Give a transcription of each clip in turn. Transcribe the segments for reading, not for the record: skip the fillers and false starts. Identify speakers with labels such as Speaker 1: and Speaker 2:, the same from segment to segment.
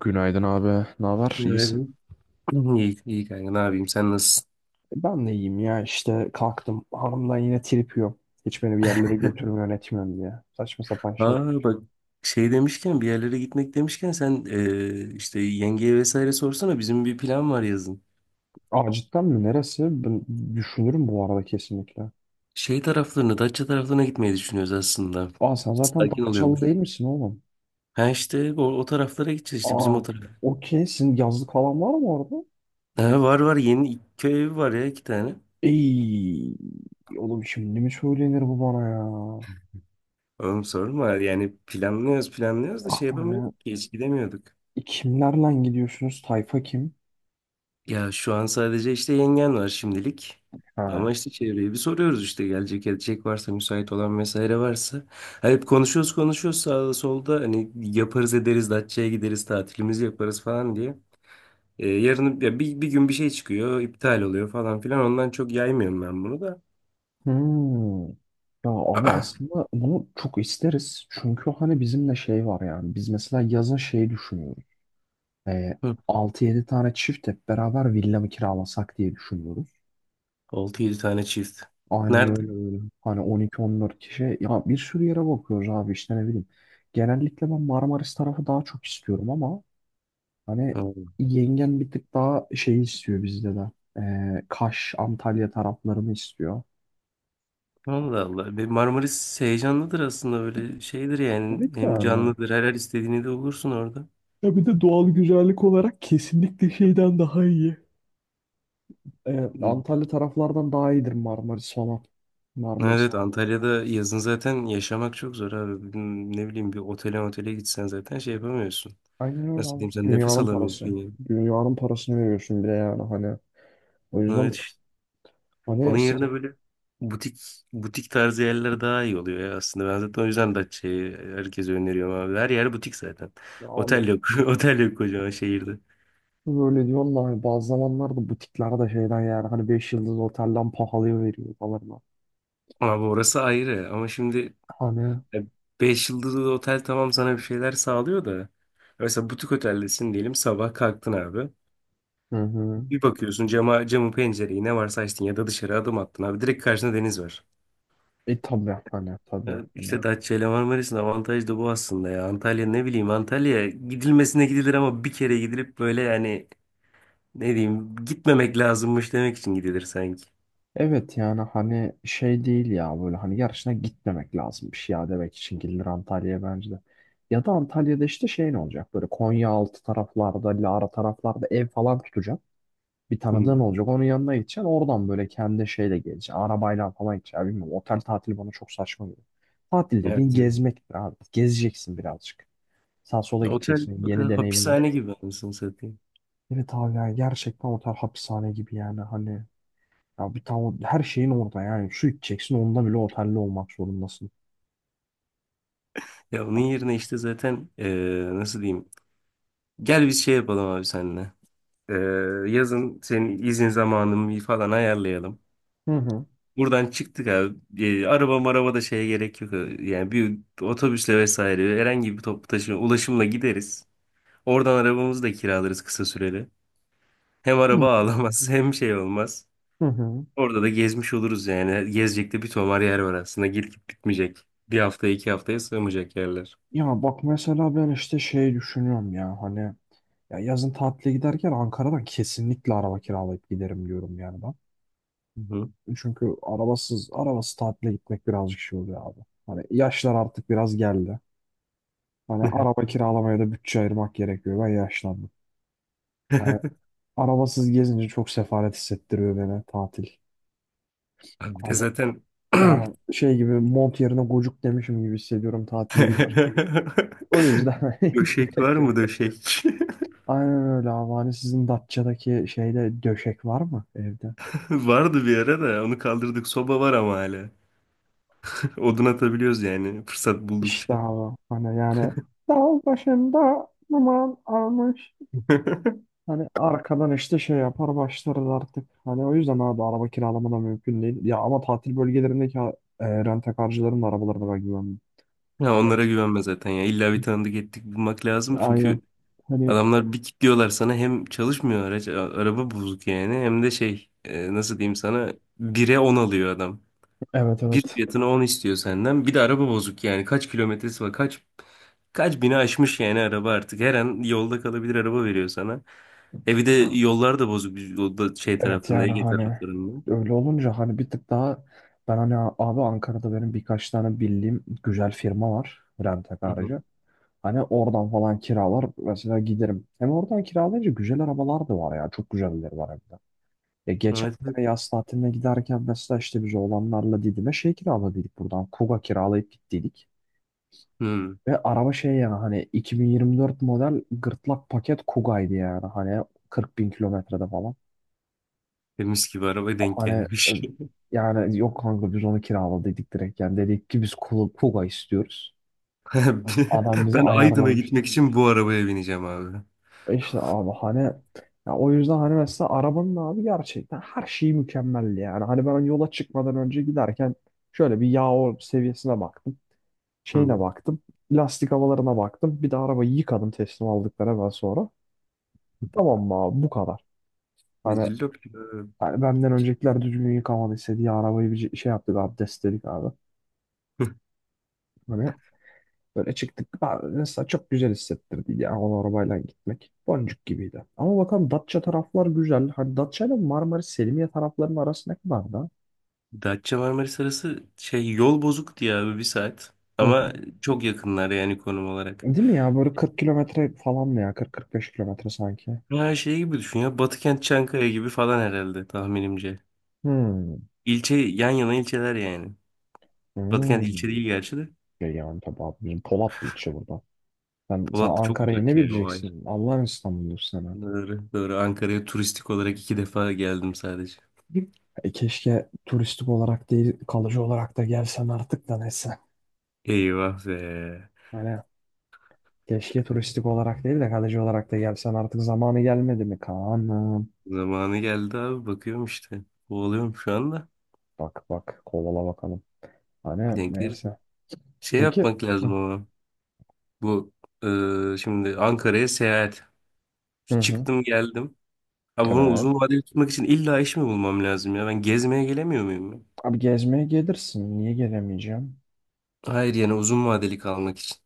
Speaker 1: Günaydın abi. Ne haber? İyisin.
Speaker 2: Günaydın. İyi, iyi kanka ne yapayım sen nasılsın?
Speaker 1: Ben de iyiyim ya işte kalktım. Hanımdan yine trip yiyorum. Hiç beni bir yerlere götürmüyor etmiyorum diye. Saçma sapan şey.
Speaker 2: Aa bak, şey demişken, bir yerlere gitmek demişken sen işte yengeye vesaire sorsana bizim bir plan var yazın.
Speaker 1: Aa cidden mi? Neresi? Ben düşünürüm bu arada kesinlikle.
Speaker 2: Şey taraflarına Datça taraflarına gitmeyi düşünüyoruz aslında.
Speaker 1: Aa sen zaten
Speaker 2: Sakin
Speaker 1: Datçalı
Speaker 2: oluyormuş.
Speaker 1: değil misin oğlum?
Speaker 2: Ha işte o taraflara gideceğiz işte bizim o
Speaker 1: Aa
Speaker 2: taraf.
Speaker 1: okey. Senin yazlık falan var mı orada?
Speaker 2: Ha, var var yeni iki köy evi var ya iki tane.
Speaker 1: Ey oğlum şimdi mi söylenir bu bana ya?
Speaker 2: Oğlum sorma yani planlıyoruz planlıyoruz da
Speaker 1: Ah,
Speaker 2: şey
Speaker 1: ya.
Speaker 2: yapamıyorduk ki hiç gidemiyorduk.
Speaker 1: Kimlerle gidiyorsunuz? Tayfa kim?
Speaker 2: Ya şu an sadece işte yengen var şimdilik. Ama
Speaker 1: Ha,
Speaker 2: işte çevreye bir soruyoruz işte gelecek edecek varsa müsait olan vesaire varsa. Ha, hep konuşuyoruz konuşuyoruz sağda solda hani yaparız ederiz Datça'ya gideriz tatilimizi yaparız falan diye. Yarın ya bir gün bir şey çıkıyor iptal oluyor falan filan, ondan çok yaymıyorum ben bunu da.
Speaker 1: hmm. Ya abi aslında bunu çok isteriz. Çünkü hani bizimle şey var yani. Biz mesela yazın şey düşünüyoruz. Ee,
Speaker 2: Hı,
Speaker 1: 6-7 tane çift hep beraber villa mı kiralasak diye düşünüyoruz.
Speaker 2: 6-7 tane çift.
Speaker 1: Aynen
Speaker 2: Nerede?
Speaker 1: öyle öyle. Hani 12 14 kişi. Ya bir sürü yere bakıyoruz abi işte ne bileyim. Genellikle ben Marmaris tarafı daha çok istiyorum ama hani
Speaker 2: Ha,
Speaker 1: yengen bir tık daha şey istiyor bizde de. Kaş, Antalya taraflarını istiyor.
Speaker 2: Allah Allah. Bir Marmaris heyecanlıdır aslında böyle şeydir yani,
Speaker 1: Evet
Speaker 2: hem
Speaker 1: yani.
Speaker 2: canlıdır, her istediğini de olursun orada.
Speaker 1: Ya bir de doğal güzellik olarak kesinlikle şeyden daha iyi. Antalya taraflardan daha iyidir Marmaris falan.
Speaker 2: Evet
Speaker 1: Marmaris.
Speaker 2: evet. Antalya'da yazın zaten yaşamak çok zor abi. Bugün, ne bileyim, bir otele gitsen zaten şey yapamıyorsun.
Speaker 1: Aynen öyle
Speaker 2: Nasıl
Speaker 1: abi.
Speaker 2: diyeyim, sen nefes
Speaker 1: Dünyanın parası.
Speaker 2: alamıyorsun yani.
Speaker 1: Dünyanın parasını veriyorsun bile yani hani. O
Speaker 2: Evet
Speaker 1: yüzden
Speaker 2: işte. Onun
Speaker 1: hani sizin
Speaker 2: yerine böyle butik butik tarzı yerler daha iyi oluyor ya aslında. Ben zaten o yüzden Datça'yı herkese öneriyorum abi. Her yer butik zaten.
Speaker 1: ya abi
Speaker 2: Otel yok. Otel yok kocaman şehirde.
Speaker 1: böyle diyorsun da hani bazı zamanlarda butiklerde de şeyden yani hani 5 yıldız otelden pahalıya veriyor falan. Da.
Speaker 2: Abi orası ayrı ama şimdi
Speaker 1: Hani
Speaker 2: e, 5 yıldızlı otel tamam, sana bir şeyler sağlıyor da. Mesela butik oteldesin diyelim, sabah kalktın abi.
Speaker 1: hı hı.
Speaker 2: Bir bakıyorsun camın, pencereyi ne varsa açtın ya da dışarı adım attın abi. Direkt karşında deniz var.
Speaker 1: E tabii hani tabii
Speaker 2: Ya
Speaker 1: hani.
Speaker 2: İşte Datça ile Marmaris'in avantajı da bu aslında ya. Antalya, ne bileyim, Antalya gidilmesine gidilir ama bir kere gidilip böyle yani, ne diyeyim, gitmemek lazımmış demek için gidilir sanki.
Speaker 1: Evet yani hani şey değil ya böyle hani yarışına gitmemek lazımmış ya demek için gelir Antalya'ya bence de. Ya da Antalya'da işte şey ne olacak böyle Konyaaltı taraflarda, Lara taraflarda ev falan tutacak. Bir tanıdığın
Speaker 2: Hmm.
Speaker 1: olacak onun yanına gideceksin oradan böyle kendi şeyle geleceksin arabayla falan gideceksin bilmiyorum otel tatili bana çok saçma geliyor. Tatil
Speaker 2: Evet,
Speaker 1: dediğin
Speaker 2: evet.
Speaker 1: gezmektir abi gezeceksin birazcık. Sağ sola
Speaker 2: Otel,
Speaker 1: gideceksin
Speaker 2: otel
Speaker 1: yeni deneyimler.
Speaker 2: hapishane gibi, anasını satayım.
Speaker 1: Evet abi yani gerçekten otel hapishane gibi yani hani ya bir tane her şeyin orada yani şu içeceksin onda bile otelli olmak zorundasın.
Speaker 2: Ya onun yerine işte zaten, nasıl diyeyim? Gel biz şey yapalım abi seninle. Yazın senin izin zamanını falan ayarlayalım.
Speaker 1: Hı hı.
Speaker 2: Buradan çıktık abi. Araba maraba da şeye gerek yok. Yani bir otobüsle vesaire herhangi bir toplu taşıma ulaşımla gideriz. Oradan arabamızı da kiralarız kısa süreli. Hem
Speaker 1: Hı
Speaker 2: araba ağlamaz hem şey olmaz.
Speaker 1: hı. hı.
Speaker 2: Orada da gezmiş oluruz yani. Gezecek de bir tomar yer var aslında. Gidip gidip bitmeyecek. Bir haftaya iki haftaya sığmayacak yerler.
Speaker 1: Ya bak mesela ben işte şey düşünüyorum ya hani ya yazın tatile giderken Ankara'dan kesinlikle araba kiralayıp giderim diyorum yani ben.
Speaker 2: Hı hı.
Speaker 1: Çünkü arabasız arabası tatile gitmek birazcık şey oluyor abi. Hani yaşlar artık biraz geldi. Hani araba kiralamaya da bütçe ayırmak gerekiyor. Ben yaşlandım. Hani arabasız gezince çok sefalet hissettiriyor beni tatil.
Speaker 2: Abi bir de
Speaker 1: Hani
Speaker 2: zaten
Speaker 1: yani şey gibi mont yerine gocuk demişim gibi hissediyorum tatile gidince. O yüzden hiç
Speaker 2: döşek
Speaker 1: gerek
Speaker 2: var
Speaker 1: yok.
Speaker 2: mı, döşek?
Speaker 1: Aynen öyle abi. Hani sizin Datça'daki şeyde döşek var mı evde?
Speaker 2: Vardı bir ara da onu kaldırdık. Soba var ama hala. Odun atabiliyoruz yani fırsat
Speaker 1: İşte
Speaker 2: buldukça.
Speaker 1: abi. Hani yani dağ başında aman almış. Hani arkadan işte şey yapar başlarız artık. Hani o yüzden abi araba kiralama da mümkün değil. Ya ama tatil bölgelerindeki rent da arabalarına ben güvenmiyorum.
Speaker 2: Ya
Speaker 1: Evet.
Speaker 2: onlara güvenme zaten ya. İlla bir tanıdık ettik bulmak lazım.
Speaker 1: Aynen.
Speaker 2: Çünkü
Speaker 1: Hani
Speaker 2: adamlar bir kilitliyorlar sana, hem çalışmıyor araç, araba bozuk yani, hem de şey, nasıl diyeyim sana, bire 10 alıyor adam.
Speaker 1: evet
Speaker 2: Bir
Speaker 1: evet.
Speaker 2: fiyatına 10 istiyor senden. Bir de araba bozuk yani. Kaç kilometresi var? Kaç bini aşmış yani araba artık. Her an yolda kalabilir araba veriyor sana. E, bir de yollar da bozuk. O da şey
Speaker 1: Evet
Speaker 2: tarafında,
Speaker 1: yani
Speaker 2: Ege
Speaker 1: hani
Speaker 2: taraflarında.
Speaker 1: öyle olunca hani bir tık daha ben hani abi Ankara'da benim birkaç tane bildiğim güzel firma var rentek
Speaker 2: Hı hı.
Speaker 1: aracı. Hani oradan falan kiralar mesela giderim. Hem oradan kiralayınca güzel arabalar da var ya çok güzelleri var hem de. Ya geçen
Speaker 2: Evet. Evet.
Speaker 1: sene yaz tatiline giderken mesela işte biz oğlanlarla Didim'e şey kiraladık buradan Kuga kiralayıp gittiydik.
Speaker 2: Hı.
Speaker 1: Ve araba şey yani hani 2024 model gırtlak paket Kuga'ydı yani hani 40 bin kilometrede falan.
Speaker 2: Temiz gibi araba denk
Speaker 1: Hani
Speaker 2: gelmiş.
Speaker 1: yani yok kanka biz onu kiraladık direkt. Yani dedik ki biz Kuga Kuga istiyoruz. Adam bizi
Speaker 2: Ben Aydın'a gitmek
Speaker 1: ayarlamıştı.
Speaker 2: için bu arabaya bineceğim abi.
Speaker 1: E İşte abi hani ya o yüzden hani mesela arabanın abi gerçekten her şeyi mükemmeldi yani. Hani ben yola çıkmadan önce giderken şöyle bir seviyesine baktım. Şeyine
Speaker 2: Hı.
Speaker 1: baktım. Lastik havalarına baktım. Bir de arabayı yıkadım teslim aldıkları hemen sonra. Tamam mı abi bu kadar.
Speaker 2: E,
Speaker 1: Hani,
Speaker 2: Cillop.
Speaker 1: hani benden öncekiler düzgün yıkamadıysa diye arabayı bir şey yaptık abdestledik abi. Hani böyle çıktık. Ben mesela çok güzel hissettirdi ya o arabayla gitmek. Boncuk gibiydi. Ama bakalım Datça taraflar güzel. Hani Datça ile Marmaris Selimiye taraflarının arası ne kadar da?
Speaker 2: Datça Marmaris arası, şey, yol bozuk diye abi 1 saat.
Speaker 1: Hı
Speaker 2: Ama
Speaker 1: hı.
Speaker 2: çok yakınlar yani konum olarak.
Speaker 1: Değil mi ya? Böyle 40 kilometre falan mı ya? 40-45 kilometre sanki.
Speaker 2: Ha şey gibi düşün ya, Batıkent Çankaya gibi falan herhalde tahminimce.
Speaker 1: Hmm.
Speaker 2: İlçe, yan yana ilçeler yani. Batıkent ilçe
Speaker 1: Hmm.
Speaker 2: değil gerçi de.
Speaker 1: Şey yani tabii abi bizim Polatlı içi burada. Sen
Speaker 2: Polatlı çok
Speaker 1: Ankara'yı ne
Speaker 2: uzak yani, o ayrı.
Speaker 1: bileceksin? Allah'ın İstanbul'u sana.
Speaker 2: Doğru, doğru. Ankara'ya turistik olarak 2 defa geldim sadece.
Speaker 1: E keşke turistik olarak değil kalıcı olarak da gelsen artık da neyse.
Speaker 2: Eyvah be.
Speaker 1: Hani. Keşke turistik olarak değil de kalıcı olarak da gelsen artık zamanı gelmedi mi Kaan'ım?
Speaker 2: Zamanı geldi abi, bakıyorum işte. Kovalıyorum şu anda.
Speaker 1: Bak bak kovala bakalım. Hani
Speaker 2: Denk gelirse.
Speaker 1: neyse.
Speaker 2: Şey
Speaker 1: Peki.
Speaker 2: yapmak lazım
Speaker 1: Hı
Speaker 2: ama. Bu şimdi Ankara'ya seyahat.
Speaker 1: hı. hı.
Speaker 2: Çıktım geldim. Abi bunu uzun
Speaker 1: Evet.
Speaker 2: vadeli tutmak için illa iş mi bulmam lazım ya? Ben gezmeye gelemiyor muyum ya?
Speaker 1: Abi gezmeye gelirsin. Niye gelemeyeceğim?
Speaker 2: Hayır yani, uzun vadeli kalmak için.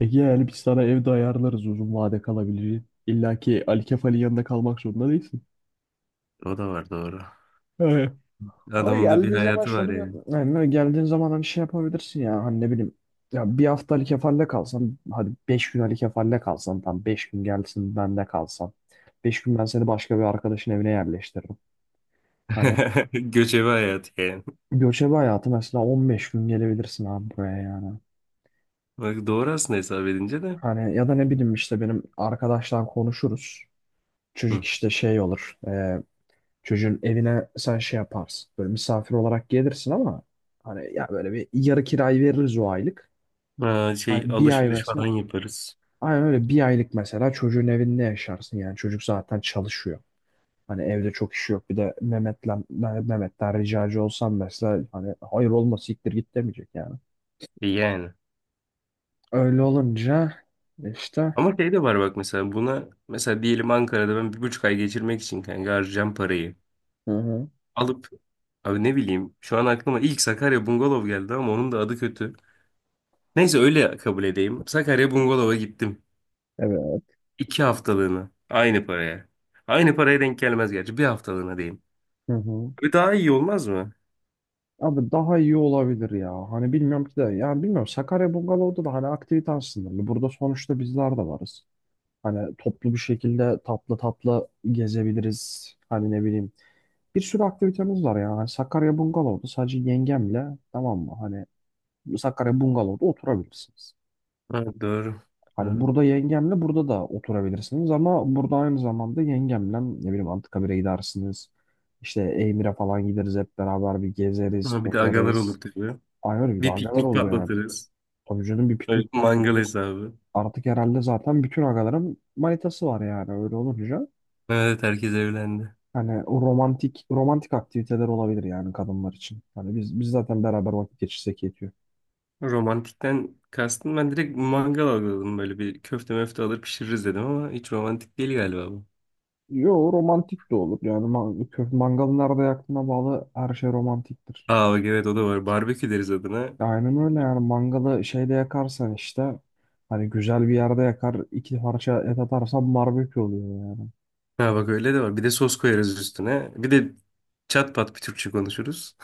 Speaker 1: Ege yani biz sana evde ayarlarız uzun vade kalabilir. İlla ki Ali Kefal'in yanında kalmak zorunda değilsin.
Speaker 2: O da var, doğru.
Speaker 1: Ama
Speaker 2: Adamın da bir
Speaker 1: geldiğin zaman
Speaker 2: hayatı var
Speaker 1: şöyle bir
Speaker 2: yani.
Speaker 1: yani böyle geldiğin zaman hani şey yapabilirsin ya hani ne bileyim ya bir hafta Ali Kefal'le kalsan hadi 5 gün Ali Kefal'le kalsan tam 5 gün gelsin bende kalsan 5 gün ben seni başka bir arkadaşın evine yerleştiririm. Hani
Speaker 2: Göçebe hayatı yani.
Speaker 1: göçebe hayatı mesela 15 gün gelebilirsin abi buraya yani.
Speaker 2: Bak doğru aslında, hesap edince de.
Speaker 1: Hani ya da ne bileyim işte benim arkadaşlar konuşuruz. Çocuk
Speaker 2: Hı.
Speaker 1: işte şey olur. Çocuğun evine sen şey yaparsın. Böyle misafir olarak gelirsin ama hani ya böyle bir yarı kirayı veririz o aylık.
Speaker 2: Ha,
Speaker 1: Ay
Speaker 2: şey,
Speaker 1: bir ay
Speaker 2: alışveriş falan
Speaker 1: mesela.
Speaker 2: yaparız.
Speaker 1: Ay öyle bir aylık mesela çocuğun evinde yaşarsın yani. Çocuk zaten çalışıyor. Hani evde çok işi yok. Bir de Mehmet'ten ricacı olsam mesela hani hayır olma siktir git demeyecek yani.
Speaker 2: E, yani.
Speaker 1: Öyle olunca işte
Speaker 2: Ama şey de var bak, mesela buna, mesela diyelim Ankara'da ben 1,5 ay geçirmek için kanka harcayacağım parayı
Speaker 1: hı hı.
Speaker 2: alıp, abi ne bileyim, şu an aklıma ilk Sakarya Bungalov geldi ama onun da adı kötü. Neyse, öyle kabul edeyim. Sakarya Bungalov'a gittim.
Speaker 1: Evet.
Speaker 2: 2 haftalığına, aynı paraya. Aynı paraya denk gelmez gerçi, 1 haftalığına diyeyim.
Speaker 1: Hı hı.
Speaker 2: Bir daha iyi olmaz mı?
Speaker 1: Abi daha iyi olabilir ya. Hani bilmiyorum ki de yani bilmiyorum Sakarya Bungalov'da da hani aktivite aslında. Hani burada sonuçta bizler de varız. Hani toplu bir şekilde tatlı tatlı gezebiliriz. Hani ne bileyim bir sürü aktivitemiz var ya. Hani Sakarya Bungalov'da sadece yengemle tamam mı? Hani Sakarya Bungalov'da oturabilirsiniz.
Speaker 2: Ha, doğru.
Speaker 1: Hani
Speaker 2: Doğru.
Speaker 1: burada yengemle burada da oturabilirsiniz ama burada aynı zamanda yengemle ne bileyim Anıtkabir'e gidersiniz. İşte Emir'e falan gideriz hep beraber bir gezeriz,
Speaker 2: Ama bir de agalar
Speaker 1: tozarız.
Speaker 2: olur tabii.
Speaker 1: Ay öyle bir de
Speaker 2: Bir
Speaker 1: agalar
Speaker 2: piknik
Speaker 1: olur yani.
Speaker 2: patlatırız.
Speaker 1: Tabii canım bir piknik
Speaker 2: Evet, mangal
Speaker 1: patlatırız.
Speaker 2: hesabı.
Speaker 1: Artık herhalde zaten bütün agaların manitası var yani öyle olunca.
Speaker 2: Evet, herkes evlendi.
Speaker 1: Hani o romantik romantik aktiviteler olabilir yani kadınlar için. Hani biz zaten beraber vakit geçirsek yetiyor.
Speaker 2: Romantikten kastın, ben direkt mangal algıladım, böyle bir köfte möfte alır pişiririz dedim ama hiç romantik değil galiba bu.
Speaker 1: Yo romantik de olur yani mangalı nerede yaktığına bağlı her şey romantiktir.
Speaker 2: Aa bak, evet, o da var. Barbekü deriz adına.
Speaker 1: Aynen öyle yani mangalı şeyde yakarsan işte hani güzel bir yerde yakar iki parça et atarsan barbekü oluyor yani.
Speaker 2: Ha bak, öyle de var. Bir de sos koyarız üstüne. Bir de çat pat bir Türkçe konuşuruz.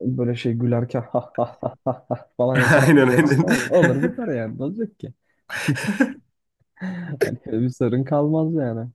Speaker 1: Böyle şey gülerken ha ha ha ha ha falan yaparak
Speaker 2: Aynen
Speaker 1: güleriz
Speaker 2: aynen.
Speaker 1: tamam olur biter yani ne olacak ki? Hani bir sorun kalmaz yani.